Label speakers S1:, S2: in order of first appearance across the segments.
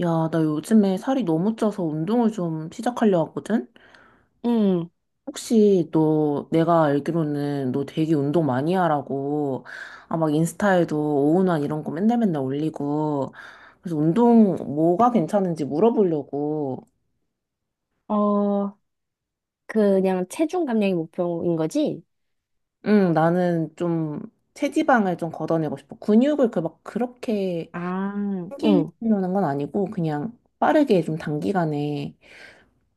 S1: 야, 나 요즘에 살이 너무 쪄서 운동을 좀 시작하려 하거든?
S2: 음,
S1: 혹시 너, 내가 알기로는 너 되게 운동 많이 하라고, 아, 막 인스타에도 오운환 이런 거 맨날 맨날 올리고, 그래서 운동 뭐가 괜찮은지 물어보려고,
S2: 어, 그냥 체중 감량이 목표인 거지?
S1: 응, 나는 좀 체지방을 좀 걷어내고 싶어. 근육을 그 막 그렇게
S2: 아, 응.
S1: 생기려는 건 아니고, 그냥 빠르게 좀 단기간에,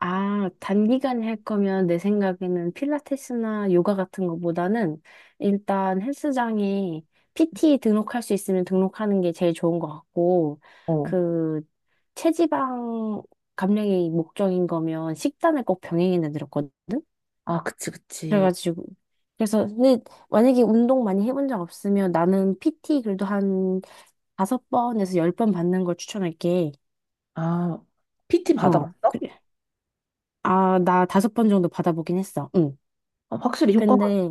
S2: 아, 단기간에 할 거면 내 생각에는 필라테스나 요가 같은 것보다는 일단 헬스장에 PT 등록할 수 있으면 등록하는 게 제일 좋은 것 같고,
S1: 어,
S2: 그, 체지방 감량이 목적인 거면 식단을 꼭 병행해 내드렸거든?
S1: 아, 그치, 그치.
S2: 그래가지고 그래서 근데 만약에 운동 많이 해본 적 없으면 나는 PT 그래도 한 다섯 번에서 10번 받는 걸 추천할게.
S1: 아, PT
S2: 어,
S1: 받아봤어?
S2: 그래. 아, 나 다섯 번 정도 받아보긴 했어. 응.
S1: 아, 확실히 효과가
S2: 근데,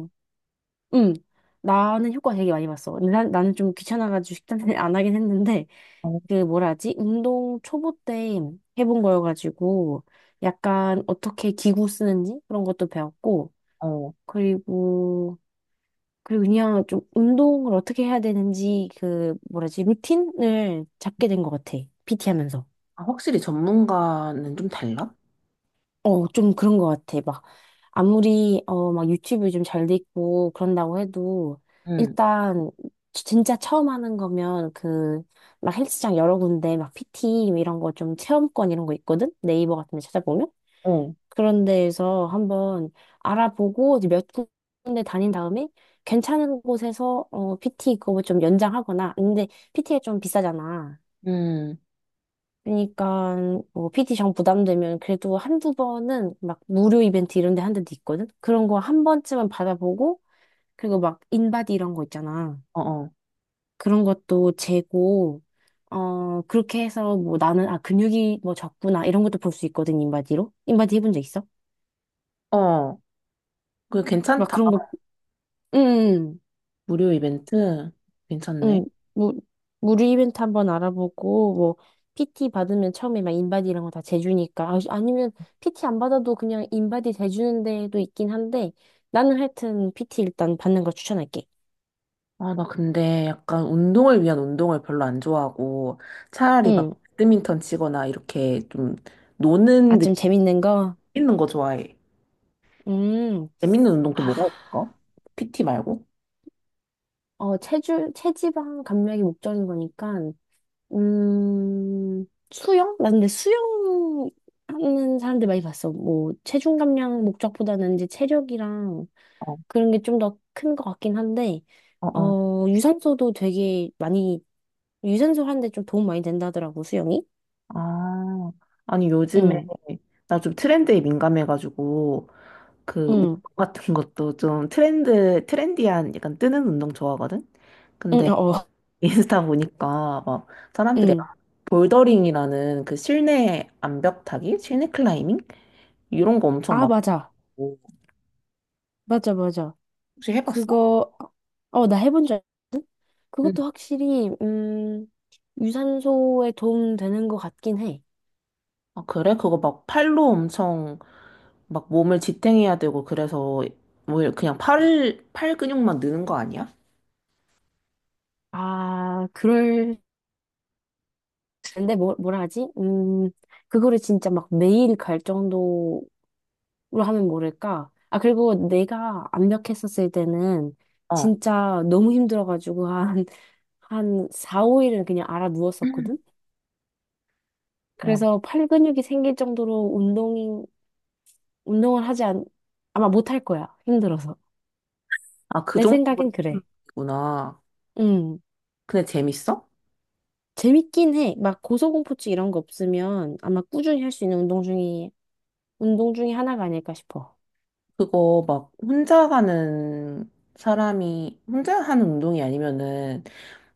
S2: 응. 나는 효과 되게 많이 봤어. 근데 나는 좀 귀찮아가지고 식단을 안 하긴 했는데,
S1: 있어.
S2: 그 뭐라 하지? 운동 초보 때 해본 거여가지고, 약간 어떻게 기구 쓰는지 그런 것도 배웠고,
S1: 어.
S2: 그리고 그리고 그냥 좀 운동을 어떻게 해야 되는지 그 뭐라지 루틴을 잡게 된 것 같아. PT 하면서.
S1: 아, 확실히 전문가는 좀 달라?
S2: 어, 좀 그런 것 같아. 막 아무리 막 유튜브 좀 잘 돼 있고 그런다고 해도
S1: 응,
S2: 일단 진짜 처음 하는 거면 그 막 헬스장 여러 군데 막 PT 뭐 이런 거 좀 체험권 이런 거 있거든. 네이버 같은 데 찾아보면.
S1: 어,
S2: 그런 데에서 한번 알아보고 이제 몇 군데 다닌 다음에 괜찮은 곳에서 어, PT 그거 좀 연장하거나 근데 PT가 좀 비싸잖아.
S1: 응,
S2: 그러니까 뭐 PT 정 부담되면 그래도 한두 번은 막 무료 이벤트 이런 데 한 데도 있거든. 그런 거 한 번쯤은 받아보고 그리고 막 인바디 이런 거 있잖아.
S1: 어, 어,
S2: 그런 것도 재고 그렇게 해서 뭐 나는 아 근육이 뭐 적구나 이런 것도 볼 수 있거든 인바디로. 인바디 해본 적 있어?
S1: 어. 그
S2: 막
S1: 괜찮다.
S2: 그런 거 응.
S1: 무료 이벤트? 괜찮네.
S2: 응, 무, 무료 이벤트 한번 알아보고, 뭐, PT 받으면 처음에 막 인바디 이런 거 다 재주니까. 아, 아니면 PT 안 받아도 그냥 인바디 재주는 데도 있긴 한데, 나는 하여튼 PT 일단 받는 거 추천할게.
S1: 아, 나 근데 약간 운동을 위한 운동을 별로 안 좋아하고 차라리 막
S2: 응.
S1: 배드민턴 치거나 이렇게 좀
S2: 아,
S1: 노는
S2: 좀
S1: 느낌
S2: 재밌는 거?
S1: 있는 거 좋아해.
S2: 음.
S1: 재밌는 운동 또
S2: 아,
S1: 뭐가 있을까? PT 말고?
S2: 어, 체지방 감량이 목적인 거니까, 음, 수영? 나 근데 수영 하는 사람들 많이 봤어. 뭐, 체중 감량 목적보다는 이제 체력이랑
S1: 어,
S2: 그런 게 좀 더 큰 것 같긴 한데,
S1: 어, 어.
S2: 어, 유산소도 되게 많이, 유산소 하는데 좀 도움 많이 된다더라고, 수영이.
S1: 아, 아니 요즘에
S2: 응,
S1: 나 좀 트렌드에 민감해가지고 그 운동
S2: 응,
S1: 같은 것도 좀 트렌드 트렌디한 약간 뜨는 운동 좋아하거든.
S2: 응,
S1: 근데
S2: 어, 어,
S1: 인스타 보니까 막 사람들이
S2: 응.
S1: 볼더링이라는 그 실내 암벽 타기, 실내 클라이밍 이런 거 엄청
S2: 아, 맞아.
S1: 많고
S2: 맞아, 맞아.
S1: 혹시 해봤어?
S2: 그거, 나 해본 줄 알거든?
S1: 응.
S2: 그것도 확실히, 유산소에 도움 되는 것 같긴 해.
S1: 아, 그래? 그거 막 팔로 엄청 막 몸을 지탱해야 되고 그래서 뭐 그냥 팔 근육만 느는 거 아니야?
S2: 아, 그럴 근데 뭐, 뭐라 하지? 그거를 진짜 막 매일 갈 정도로 하면 모를까? 아, 그리고 내가 압력했었을 때는
S1: 어.
S2: 진짜 너무 힘들어가지고 한, 한 4, 5일은 그냥 알아
S1: 음.
S2: 누웠었거든?
S1: 어.
S2: 그래서 팔 근육이 생길 정도로 운동을 하지 않, 아마 못할 거야. 힘들어서.
S1: 아, 그
S2: 내 생각엔 그래.
S1: 정도구나.
S2: 음,
S1: 근데 재밌어?
S2: 재밌긴 해. 막 고소공포증 이런 거 없으면 아마 꾸준히 할 수 있는 운동 중에, 운동 중에 하나가 아닐까 싶어.
S1: 그거 막 혼자 하는 사람이 혼자 하는 운동이 아니면은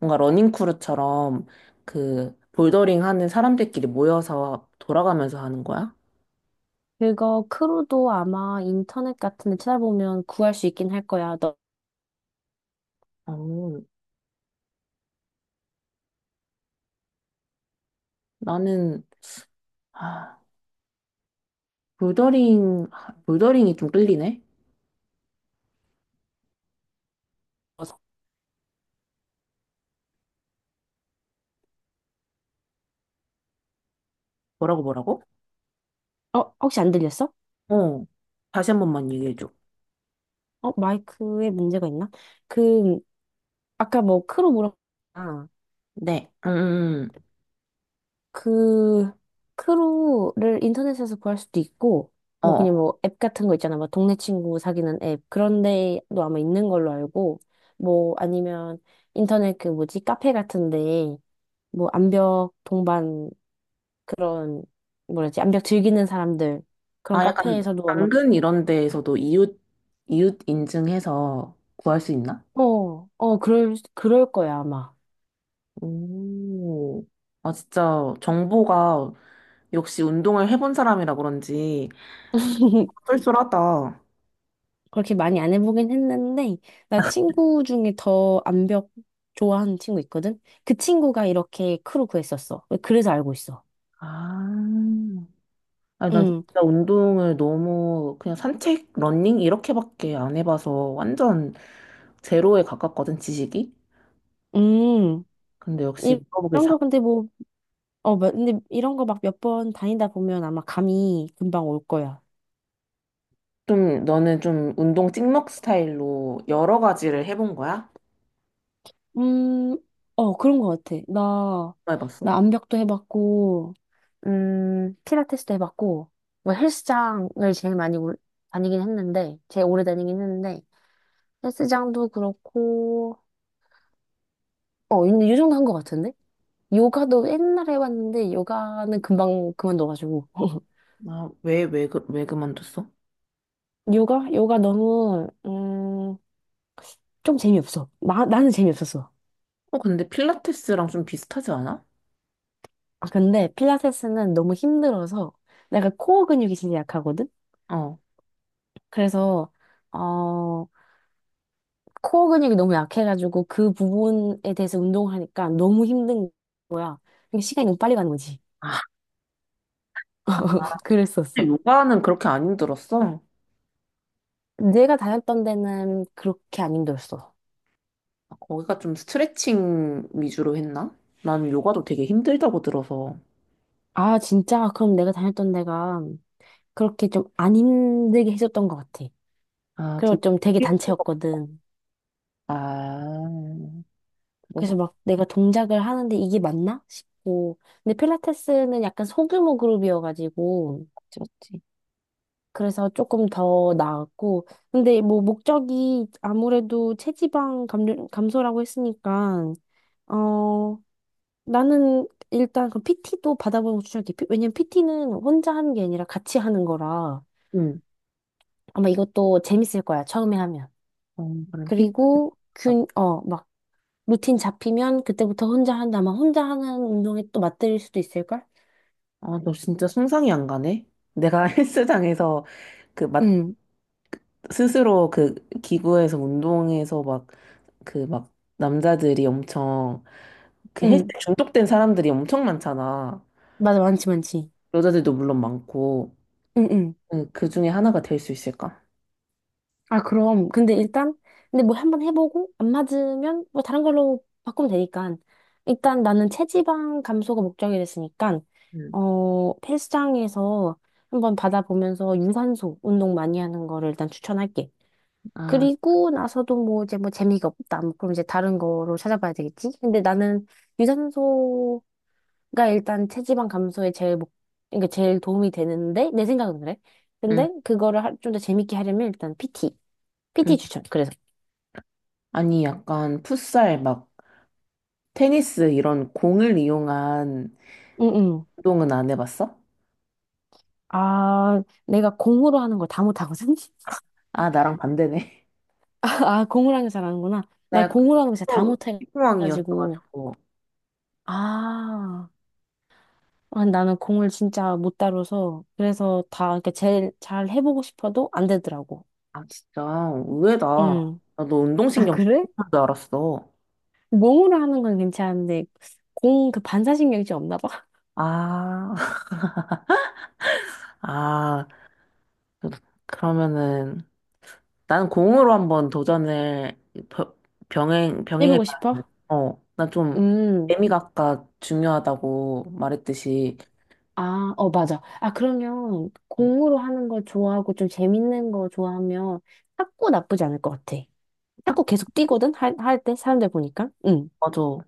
S1: 뭔가 러닝크루처럼 그 볼더링 하는 사람들끼리 모여서 돌아가면서 하는 거야?
S2: 그거 크루도 아마 인터넷 같은 데 찾아보면 구할 수 있긴 할 거야. 너,
S1: 어, 나는 아, 볼더링이 좀 끌리네. 뭐라고 뭐라고?
S2: 어, 혹시 안 들렸어?
S1: 어. 다시 한 번만 얘기해 줘.
S2: 어, 마이크에 문제가 있나? 그, 아까 뭐 크루 물어봤잖아.
S1: 네. 음.
S2: 그, 크루를 인터넷에서 구할 수도 있고, 뭐
S1: 어.
S2: 그냥 뭐 앱 같은 거 있잖아. 막 동네 친구 사귀는 앱. 그런 데도 아마 있는 걸로 알고, 뭐 아니면 인터넷 그 뭐지? 카페 같은 데, 뭐 암벽 동반 그런 뭐지 암벽 즐기는 사람들 그런
S1: 아, 약간
S2: 카페에서도 아마
S1: 당근 이런 데에서도 이웃 인증해서 구할 수 있나?
S2: 어, 어, 그럴 거야, 아마.
S1: 오, 아, 진짜 정보가 역시 운동을 해본 사람이라 그런지 쏠쏠하다.
S2: 그렇게 많이 안 해보긴 했는데, 나 친구 중에 더 암벽 좋아하는 친구 있거든? 그 친구가 이렇게 크루 구했었어. 그래서 알고 있어.
S1: 아, 아니, 난
S2: 응,
S1: 진짜 운동을 너무 그냥 산책, 러닝 이렇게밖에 안 해봐서 완전 제로에 가깝거든, 지식이.
S2: 음,
S1: 근데 역시
S2: 이-
S1: 물어보길
S2: 이런
S1: 잘.
S2: 거 근데 뭐, 어, 근데 이런 거 막 몇 번 다니다 보면 아마 감이 금방 올 거야.
S1: 좀, 너는 좀 운동 찍먹 스타일로 여러 가지를 해본 거야?
S2: 음, 어, 그런 것 같아. 나,
S1: 뭐 해봤어?
S2: 나 암벽도 해봤고, 필라테스도 해봤고, 뭐 헬스장을 제일 많이 다니긴 했는데, 제일 오래 다니긴 했는데, 헬스장도 그렇고, 어, 이 정도 한 것 같은데? 요가도 옛날에 해봤는데, 요가는 금방 그만둬가지고.
S1: 아, 왜 그만뒀어?
S2: 요가? 요가 너무, 좀 재미없어. 나는 재미없었어.
S1: 어, 근데 필라테스랑 좀 비슷하지 않아?
S2: 아, 근데 필라테스는 너무 힘들어서, 내가 코어 근육이 진짜 약하거든?
S1: 어.
S2: 그래서 어 코어 근육이 너무 약해가지고 그 부분에 대해서 운동을 하니까 너무 힘든 거야. 근데 시간이 너무 빨리 가는 거지. 그랬었어.
S1: 요가는 그렇게 안 힘들었어.
S2: 내가 다녔던 데는 그렇게 안 힘들었어.
S1: 아, 거기가 좀 스트레칭 위주로 했나? 나는 요가도 되게 힘들다고 들어서.
S2: 아, 진짜? 그럼 내가 다녔던 데가 그렇게 좀 안 힘들게 해줬던 것 같아.
S1: 아, 좀.
S2: 그리고 좀 되게 단체였거든.
S1: 아,
S2: 그래서
S1: 그래서
S2: 막 내가 동작을 하는데 이게 맞나 싶고. 근데 필라테스는 약간 소규모 그룹이어가지고
S1: 그렇지.
S2: 그래서 조금 더 나았고. 근데 뭐 목적이 아무래도 체지방 감소라고 했으니까, 어, 나는 일단 그 PT도 받아보는 거 추천할게. 왜냐면 PT는 혼자 하는 게 아니라 같이 하는 거라
S1: 응.
S2: 아마 이것도 재밌을 거야. 처음에 하면.
S1: 어, 그럼 픽.
S2: 그리고
S1: 아,
S2: 막 루틴 잡히면 그때부터 혼자 한다. 막 혼자 하는 운동에 또 맞들일 수도 있을걸?
S1: 아, 너 진짜 상상이 안 가네? 내가 헬스장에서 그 막
S2: 응,
S1: 스스로 그 기구에서 운동해서 막 그 막 남자들이 엄청 그 헬스
S2: 응.
S1: 중독된 사람들이 엄청 많잖아.
S2: 맞아, 많지, 많지.
S1: 여자들도 물론 많고.
S2: 응, 응.
S1: 응, 그 중에 하나가 될 수 있을까?
S2: 아, 그럼. 근데 일단, 근데 뭐 한번 해보고, 안 맞으면 뭐 다른 걸로 바꾸면 되니까. 일단 나는 체지방 감소가 목적이 됐으니까, 어, 헬스장에서 한번 받아보면서 유산소 운동 많이 하는 거를 일단 추천할게.
S1: 아,
S2: 그리고 나서도 뭐 이제 뭐 재미가 없다. 뭐 그럼 이제 다른 거로 찾아봐야 되겠지? 근데 나는 유산소가 일단 체지방 감소에 제일 그러니까 제일 도움이 되는데, 내 생각은 그래.
S1: 응
S2: 근데 그거를 좀 더 재밌게 하려면 일단 PT. PT
S1: 응.
S2: 추천. 그래서.
S1: 아니, 약간 풋살, 막, 테니스 이런 공을 이용한
S2: 응응.
S1: 운동은 안 해봤어?
S2: 아, 내가 공으로 하는 걸 다 못하거든?
S1: 아, 나랑 반대네.
S2: 아, 공으로 하는 거 잘하는구나.
S1: 나
S2: 나
S1: 약간
S2: 공으로 하는 거 진짜 다 못해가지고.
S1: 피부왕이었어가지고.
S2: 아, 아, 나는 공을 진짜 못 다뤄서. 그래서 다, 이렇게 제일 잘 해보고 싶어도 안 되더라고.
S1: 아, 진짜, 의외다.
S2: 응.
S1: 나도
S2: 아,
S1: 운동신경
S2: 그래?
S1: 못할 줄 알았어.
S2: 몸으로 하는 건 괜찮은데, 공 그 반사신경이 좀 없나 봐.
S1: 아, 아, 그- 그러면은, 나는 공으로 한번 도전을 벼-
S2: 해보고
S1: 병행해봐야 돼.
S2: 싶어?
S1: 어, 나 좀,
S2: 음.
S1: 재미가 아까 중요하다고 말했듯이,
S2: 아, 어, 맞아. 아, 그러면
S1: 음,
S2: 공으로 하는 걸 좋아하고 좀 재밌는 거 좋아하면 탁구 나쁘지 않을 것 같아.
S1: 탁,
S2: 탁구 계속 뛰거든? 할, 할 때? 사람들 보니까? 응.
S1: 맞아.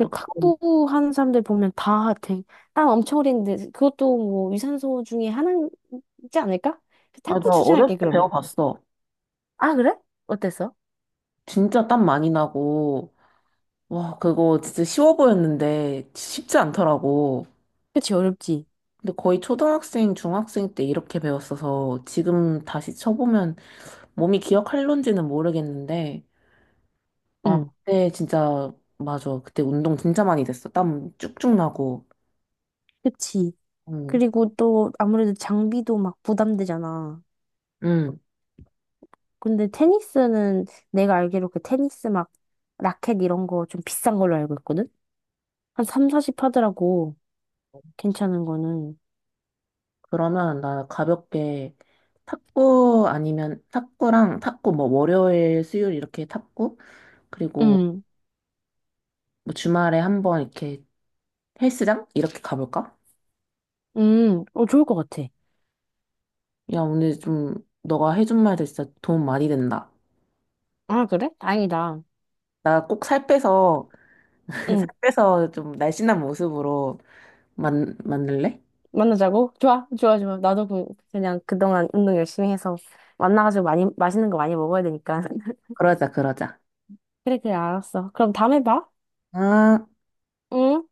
S1: 또 그거,
S2: 탁구 하는 사람들 보면 다 되게 땀 엄청 흘리는데 그것도 뭐 유산소 중에 하나이지 않을까?
S1: 아,
S2: 탁구
S1: 나 어렸을
S2: 추천할게,
S1: 때
S2: 그러면.
S1: 배워봤어.
S2: 아, 그래? 어땠어?
S1: 진짜 땀 많이 나고, 와, 그거 진짜 쉬워 보였는데 쉽지 않더라고.
S2: 그치, 어렵지.
S1: 근데 거의 초등학생, 중학생 때 이렇게 배웠어서 지금 다시 쳐보면 몸이 기억할런지는 모르겠는데, 아,
S2: 응.
S1: 그때 진짜, 맞아. 그때 운동 진짜 많이 됐어. 땀 쭉쭉 나고.
S2: 그치.
S1: 응,
S2: 그리고 또 아무래도 장비도 막 부담되잖아.
S1: 응.
S2: 근데 테니스는 내가 알기로 그 테니스 막 라켓 이런 거 좀 비싼 걸로 알고 있거든? 한 3, 40 하더라고. 괜찮은 거는.
S1: 그러면 나 가볍게 탁구 아니면 탁구랑 탁구 뭐 월요일, 수요일 이렇게 탁구? 그리고
S2: 응,
S1: 뭐 주말에 한번 이렇게 헬스장? 이렇게 가볼까?
S2: 응, 어, 좋을 것 같아.
S1: 야, 오늘 좀 너가 해준 말들 진짜 도움 많이 된다.
S2: 아, 그래? 다행이다.
S1: 나 꼭 살 빼서, 살
S2: 응,
S1: 빼서 좀 날씬한 모습으로 만들래?
S2: 만나자고? 좋아, 좋아, 좋아. 나도 그, 그냥 그동안 운동 열심히 해서 만나가지고 많이, 맛있는 거 많이 먹어야 되니까.
S1: 그러자, 그러자.
S2: 그래, 그래, 알았어. 그럼 다음에 봐.
S1: 아.
S2: 응?